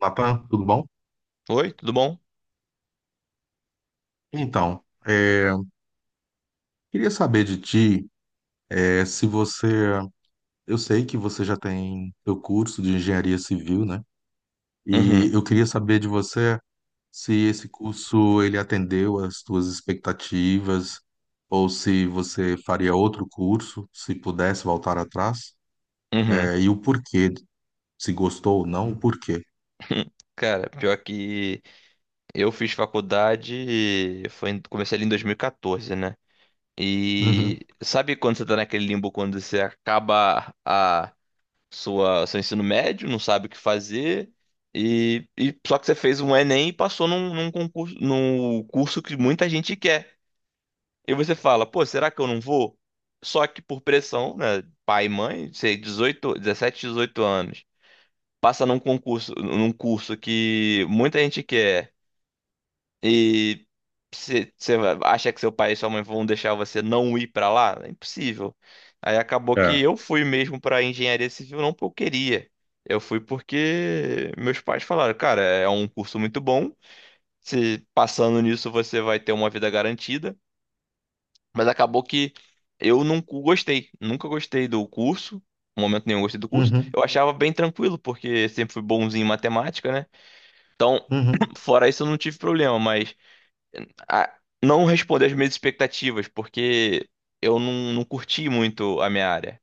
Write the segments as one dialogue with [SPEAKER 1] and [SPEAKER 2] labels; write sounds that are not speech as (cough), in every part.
[SPEAKER 1] Natan, tudo bom?
[SPEAKER 2] Oi, tudo bom?
[SPEAKER 1] Então, queria saber de ti, se você, eu sei que você já tem seu curso de engenharia civil, né? E
[SPEAKER 2] Uhum,
[SPEAKER 1] eu queria saber de você se esse curso ele atendeu às tuas expectativas ou se você faria outro curso, se pudesse voltar atrás,
[SPEAKER 2] uhum.
[SPEAKER 1] e o porquê, se gostou ou não, o porquê.
[SPEAKER 2] (laughs) Cara, pior que eu fiz faculdade, foi, comecei ali em 2014, né?
[SPEAKER 1] Uhum.
[SPEAKER 2] E sabe quando você tá naquele limbo quando você acaba a sua seu ensino médio, não sabe o que fazer e só que você fez um Enem e passou num concurso, num curso que muita gente quer. E você fala, pô, será que eu não vou? Só que por pressão, né? Pai e mãe, sei, 18, 17, 18 anos. Passa num concurso, num curso que muita gente quer e você acha que seu pai e sua mãe vão deixar você não ir pra lá? É impossível. Aí acabou que
[SPEAKER 1] É.
[SPEAKER 2] eu fui mesmo pra engenharia civil não porque eu queria. Eu fui porque meus pais falaram, cara, é um curso muito bom. Se passando nisso você vai ter uma vida garantida. Mas acabou que eu não gostei, nunca gostei do curso. Em momento nenhum gostei do curso.
[SPEAKER 1] Uhum.
[SPEAKER 2] Eu achava bem tranquilo, porque sempre fui bonzinho em matemática, né? Então,
[SPEAKER 1] Uhum.
[SPEAKER 2] (clears throat) fora isso, eu não tive problema, mas ah, não responder às minhas expectativas, porque eu não curti muito a minha área.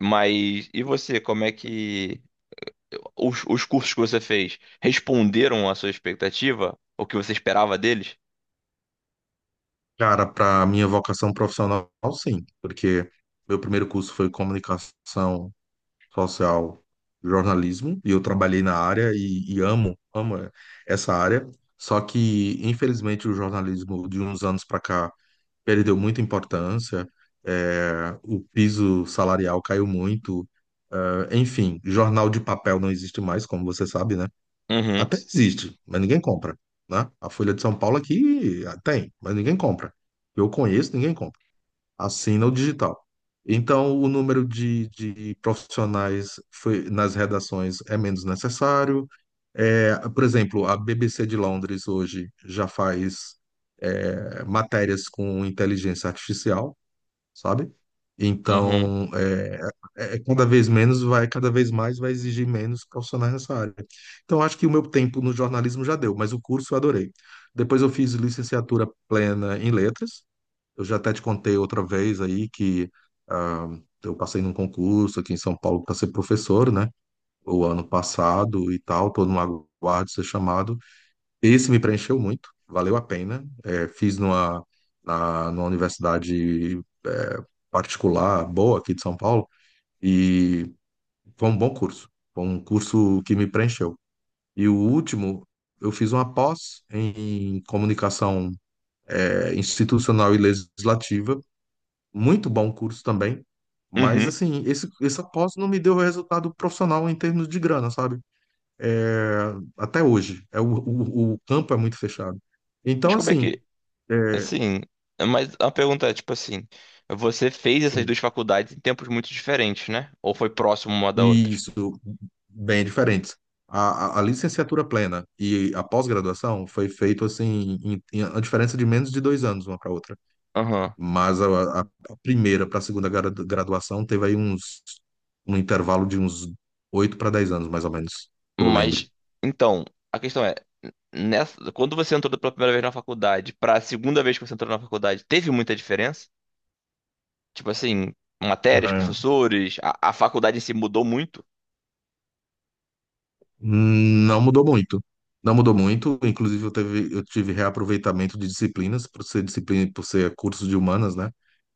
[SPEAKER 2] Mas e você, como é que os cursos que você fez responderam à sua expectativa? O que você esperava deles?
[SPEAKER 1] Cara, para minha vocação profissional, sim, porque meu primeiro curso foi comunicação social, jornalismo, e eu trabalhei na área e amo essa área. Só que, infelizmente, o jornalismo de uns anos para cá perdeu muita importância, o piso salarial caiu muito, enfim, jornal de papel não existe mais, como você sabe, né?
[SPEAKER 2] Uhum,
[SPEAKER 1] Até existe, mas ninguém compra, né? A Folha de São Paulo aqui tem, mas ninguém compra. Eu conheço, ninguém compra. Assina o digital. Então, o número de profissionais foi- nas redações é menos necessário. É, por exemplo, a BBC de Londres hoje já faz matérias com inteligência artificial, sabe?
[SPEAKER 2] uhum,
[SPEAKER 1] Então, é cada vez menos vai, cada vez mais vai exigir menos profissionais nessa área. Então, acho que o meu tempo no jornalismo já deu, mas o curso eu adorei. Depois eu fiz licenciatura plena em letras. Eu já até te contei outra vez aí que ah, eu passei num concurso aqui em São Paulo para ser professor, né? O ano passado e tal, estou no aguardo de ser chamado. Esse me preencheu muito, valeu a pena. É, fiz numa universidade é, particular boa aqui de São Paulo e foi um bom curso, foi um curso que me preencheu. E o último, eu fiz uma pós em comunicação institucional e legislativa, muito bom curso também, mas
[SPEAKER 2] uhum.
[SPEAKER 1] assim, essa pós não me deu resultado profissional em termos de grana, sabe? É, até hoje. É, o campo é muito fechado.
[SPEAKER 2] Mas
[SPEAKER 1] Então,
[SPEAKER 2] como é
[SPEAKER 1] assim,
[SPEAKER 2] que,
[SPEAKER 1] é,
[SPEAKER 2] assim, mas a pergunta é, tipo assim, você fez essas
[SPEAKER 1] sim,
[SPEAKER 2] duas faculdades em tempos muito diferentes, né? Ou foi próximo uma da
[SPEAKER 1] e
[SPEAKER 2] outra?
[SPEAKER 1] isso bem diferentes. A licenciatura plena e a pós-graduação foi feito assim, em a diferença de menos de dois anos uma para outra.
[SPEAKER 2] Aham.
[SPEAKER 1] Mas a primeira para a segunda gra- graduação teve aí uns um intervalo de uns oito para dez anos, mais ou menos, que eu lembro.
[SPEAKER 2] Mas, então, a questão é nessa, quando você entrou pela primeira vez na faculdade para a segunda vez que você entrou na faculdade, teve muita diferença? Tipo assim, matérias, professores, a faculdade em si mudou muito?
[SPEAKER 1] Não mudou muito. Não mudou muito. Inclusive, eu tive reaproveitamento de disciplinas, por ser disciplina, por ser curso de humanas, né?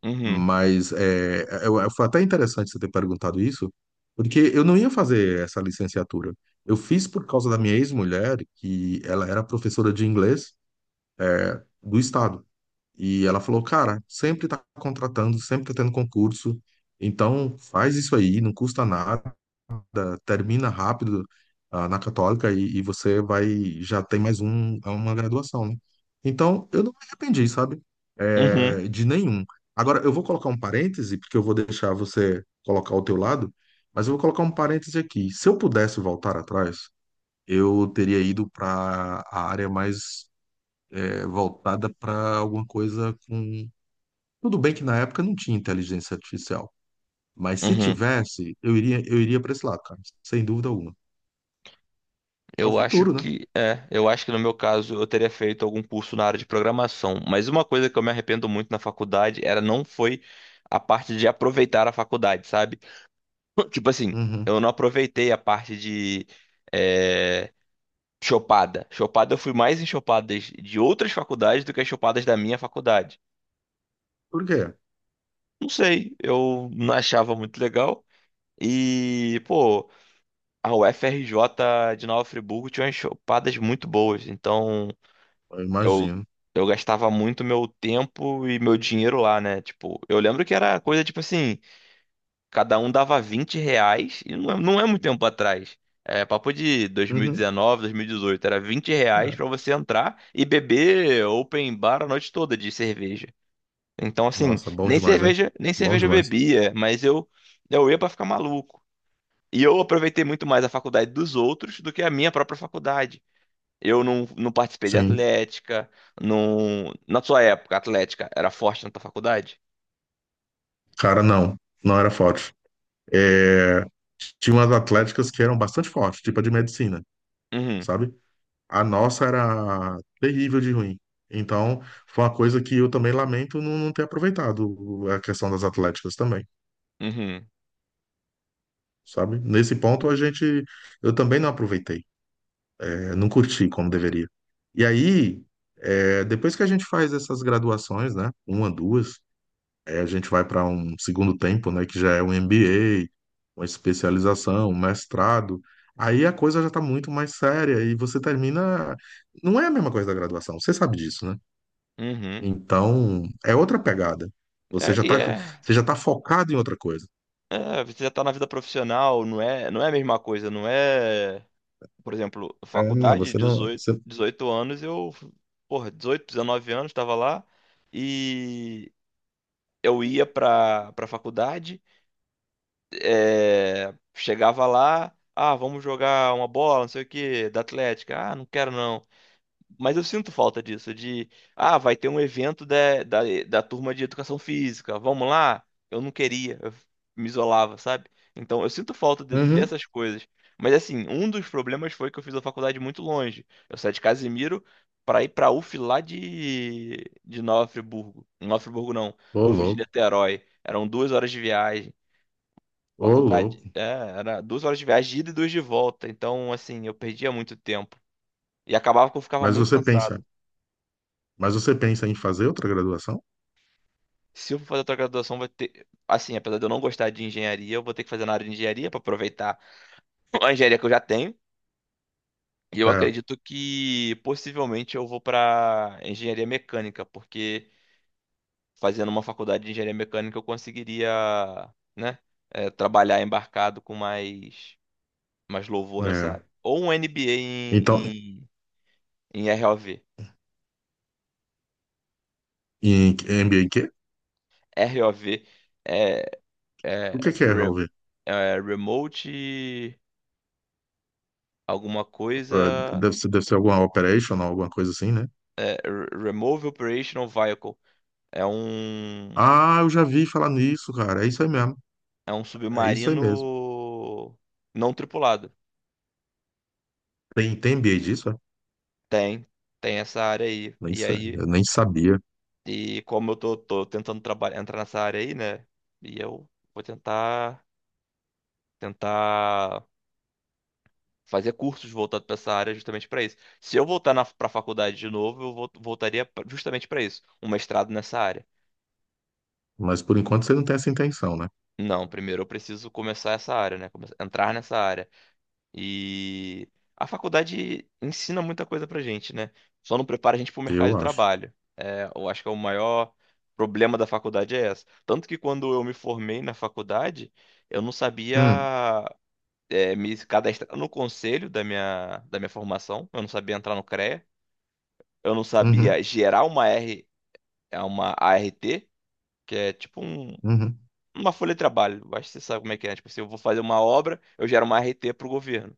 [SPEAKER 2] Uhum,
[SPEAKER 1] Mas foi até interessante você ter perguntado isso, porque eu não ia fazer essa licenciatura. Eu fiz por causa da minha ex-mulher, que ela era professora de inglês do estado. E ela falou, cara, sempre tá contratando, sempre tá tendo concurso, então faz isso aí, não custa nada da- termina rápido, na Católica e você vai já tem mais um, é uma graduação, né? Então, eu não me arrependi, sabe?
[SPEAKER 2] uhum,
[SPEAKER 1] É, de nenhum. Agora, eu vou colocar um parêntese, porque eu vou deixar você colocar o teu lado, mas eu vou colocar um parêntese aqui. Se eu pudesse voltar atrás, eu teria ido para a área mais voltada para alguma coisa com. Tudo bem que na época não tinha inteligência artificial, mas se
[SPEAKER 2] uhum.
[SPEAKER 1] tivesse, eu iria para esse lado, cara, sem dúvida alguma. É o
[SPEAKER 2] Eu acho
[SPEAKER 1] futuro, né?
[SPEAKER 2] que é, eu acho que no meu caso eu teria feito algum curso na área de programação, mas uma coisa que eu me arrependo muito na faculdade era não foi a parte de aproveitar a faculdade, sabe? (laughs) Tipo assim,
[SPEAKER 1] Uhum.
[SPEAKER 2] eu não aproveitei a parte de é, Chopada, eu fui mais em chopadas de outras faculdades do que as chopadas da minha faculdade.
[SPEAKER 1] Por quê?
[SPEAKER 2] Não sei, eu não achava muito legal. E, pô, a UFRJ de Nova Friburgo tinha umas chopadas muito boas. Então,
[SPEAKER 1] Eu
[SPEAKER 2] eu,
[SPEAKER 1] imagino.
[SPEAKER 2] eu gastava muito meu tempo e meu dinheiro lá, né? Tipo, eu lembro que era coisa tipo assim. Cada um dava R$ 20, e não é, não é muito tempo atrás. É papo de dois dois mil mil e
[SPEAKER 1] Uhum.
[SPEAKER 2] dezenove, 2018. Era R$ 20
[SPEAKER 1] É.
[SPEAKER 2] pra você entrar e beber open bar a noite toda de cerveja. Então, assim,
[SPEAKER 1] Nossa, bom
[SPEAKER 2] nem
[SPEAKER 1] demais, hein?
[SPEAKER 2] cerveja, nem
[SPEAKER 1] Bom
[SPEAKER 2] cerveja eu
[SPEAKER 1] demais.
[SPEAKER 2] bebia, mas eu ia pra ficar maluco. E eu aproveitei muito mais a faculdade dos outros do que a minha própria faculdade. Eu não participei de
[SPEAKER 1] Sim.
[SPEAKER 2] atlética, não... Na sua época, a atlética era forte na tua faculdade?
[SPEAKER 1] Cara, não. Não era forte. É... Tinha umas atléticas que eram bastante fortes, tipo a de medicina,
[SPEAKER 2] Uhum,
[SPEAKER 1] sabe? A nossa era terrível de ruim. Então, foi uma coisa que eu também lamento não ter aproveitado a questão das atléticas também,
[SPEAKER 2] uhum,
[SPEAKER 1] sabe? Nesse ponto, a gente... Eu também não aproveitei. Eu não curti como deveria. E aí, é, depois que a gente faz essas graduações, né, uma, duas, é, a gente vai para um segundo tempo, né, que já é um MBA, uma especialização, um mestrado. Aí a coisa já está muito mais séria e você termina. Não é a mesma coisa da graduação, você sabe disso, né?
[SPEAKER 2] uhum.
[SPEAKER 1] Então, é outra pegada. Você
[SPEAKER 2] É,
[SPEAKER 1] já
[SPEAKER 2] e
[SPEAKER 1] está
[SPEAKER 2] é.
[SPEAKER 1] Você já tá focado em outra coisa.
[SPEAKER 2] É, você já tá na vida profissional, não é, não é a mesma coisa, não é, por exemplo,
[SPEAKER 1] É,
[SPEAKER 2] faculdade,
[SPEAKER 1] você não.
[SPEAKER 2] dezoito
[SPEAKER 1] Você...
[SPEAKER 2] dezoito anos, eu, porra, 18 19 anos, tava lá e eu ia pra faculdade, chegava lá, ah, vamos jogar uma bola, não sei o quê, da Atlética, ah, não quero não. Mas eu sinto falta disso, de, ah, vai ter um evento da turma de educação física, vamos lá? Eu não queria, eu me isolava, sabe? Então eu sinto falta
[SPEAKER 1] Uhum.
[SPEAKER 2] dessas coisas. Mas assim, um dos problemas foi que eu fiz a faculdade muito longe. Eu saí de Casimiro para ir para UF lá de Nova Friburgo. Nova Friburgo não,
[SPEAKER 1] Ô,
[SPEAKER 2] UF de
[SPEAKER 1] louco,
[SPEAKER 2] Niterói. Eram 2 horas de viagem,
[SPEAKER 1] ô,
[SPEAKER 2] faculdade.
[SPEAKER 1] louco.
[SPEAKER 2] É, era 2 horas de viagem, de ida e duas de volta. Então, assim, eu perdia muito tempo. E acabava que eu ficava
[SPEAKER 1] Mas
[SPEAKER 2] muito
[SPEAKER 1] você pensa,
[SPEAKER 2] cansado.
[SPEAKER 1] mas você pensa em fazer outra graduação?
[SPEAKER 2] Se eu for fazer outra graduação, vai ter. Assim, apesar de eu não gostar de engenharia, eu vou ter que fazer na área de engenharia para aproveitar (laughs) a engenharia que eu já tenho. E eu
[SPEAKER 1] É,
[SPEAKER 2] acredito que possivelmente eu vou para engenharia mecânica, porque fazendo uma faculdade de engenharia mecânica eu conseguiria, né, trabalhar embarcado com mais, louvor nessa
[SPEAKER 1] é.
[SPEAKER 2] área. Ou um MBA
[SPEAKER 1] Então,
[SPEAKER 2] em ROV.
[SPEAKER 1] em NBA quê?
[SPEAKER 2] ROV é, é,
[SPEAKER 1] O que que é,
[SPEAKER 2] re-
[SPEAKER 1] Robert?
[SPEAKER 2] é Remote alguma
[SPEAKER 1] É,
[SPEAKER 2] coisa.
[SPEAKER 1] deve ser, alguma operation, alguma coisa assim, né?
[SPEAKER 2] É, Remove Operational Vehicle. É um,
[SPEAKER 1] Ah, eu já vi falar nisso, cara. É isso aí mesmo.
[SPEAKER 2] é um
[SPEAKER 1] É isso aí mesmo.
[SPEAKER 2] submarino não tripulado.
[SPEAKER 1] Tem, tem NBA disso, é?
[SPEAKER 2] Tem, tem essa área aí.
[SPEAKER 1] Nem,
[SPEAKER 2] E
[SPEAKER 1] sa-
[SPEAKER 2] aí,
[SPEAKER 1] eu nem sabia.
[SPEAKER 2] e como eu tô tentando trabalhar, entrar nessa área aí, né? E eu vou tentar fazer cursos voltados para essa área justamente para isso. Se eu voltar na, para a faculdade de novo, eu voltaria justamente para isso, um mestrado nessa área.
[SPEAKER 1] Mas por enquanto você não tem essa intenção, né?
[SPEAKER 2] Não, primeiro eu preciso começar essa área, né? Entrar nessa área. E a faculdade ensina muita coisa pra gente, né? Só não prepara a gente pro mercado de
[SPEAKER 1] Eu acho.
[SPEAKER 2] trabalho. É, eu acho que é o maior problema da faculdade é essa. Tanto que quando eu me formei na faculdade, eu não sabia
[SPEAKER 1] Hum,
[SPEAKER 2] me cadastrar no conselho da minha formação, eu não sabia entrar no CREA, eu não
[SPEAKER 1] uhum,
[SPEAKER 2] sabia gerar uma R, é uma ART, que é tipo
[SPEAKER 1] uhum.
[SPEAKER 2] uma folha de trabalho. Acho que você sabe como é que é. Tipo, se eu vou fazer uma obra, eu gero uma ART pro governo.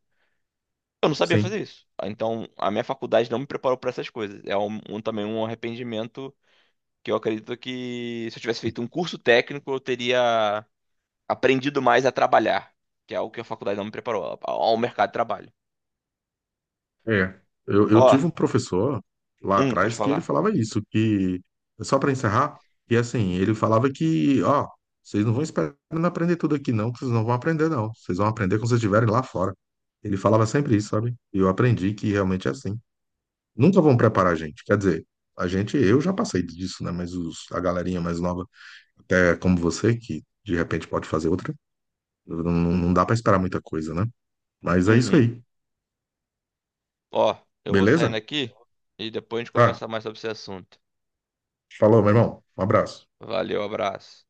[SPEAKER 2] Eu não sabia
[SPEAKER 1] Sim.
[SPEAKER 2] fazer isso. Ah, então, a minha faculdade não me preparou para essas coisas. Também um arrependimento que eu acredito que se eu tivesse feito um curso técnico, eu teria aprendido mais a trabalhar, que é algo que a faculdade não me preparou ao mercado de trabalho.
[SPEAKER 1] É, eu
[SPEAKER 2] Ó,
[SPEAKER 1] tive um professor lá
[SPEAKER 2] pode
[SPEAKER 1] atrás que ele
[SPEAKER 2] falar.
[SPEAKER 1] falava isso, que, só para encerrar, que assim, ele falava que, ó, vocês não vão esperar aprender tudo aqui não, que vocês não vão aprender não, vocês vão aprender quando vocês estiverem lá fora. Ele falava sempre isso, sabe? E eu aprendi que realmente é assim. Nunca vão preparar a gente, quer dizer, a gente, eu já passei disso, né, mas os, a galerinha mais nova, até como você, que de repente pode fazer outra, não dá para esperar muita coisa, né? Mas é isso
[SPEAKER 2] Uhum.
[SPEAKER 1] aí,
[SPEAKER 2] Ó, eu vou saindo
[SPEAKER 1] beleza?
[SPEAKER 2] aqui e depois a gente
[SPEAKER 1] Tá,
[SPEAKER 2] conversa mais sobre esse assunto.
[SPEAKER 1] falou, meu irmão, um abraço.
[SPEAKER 2] Valeu, abraço.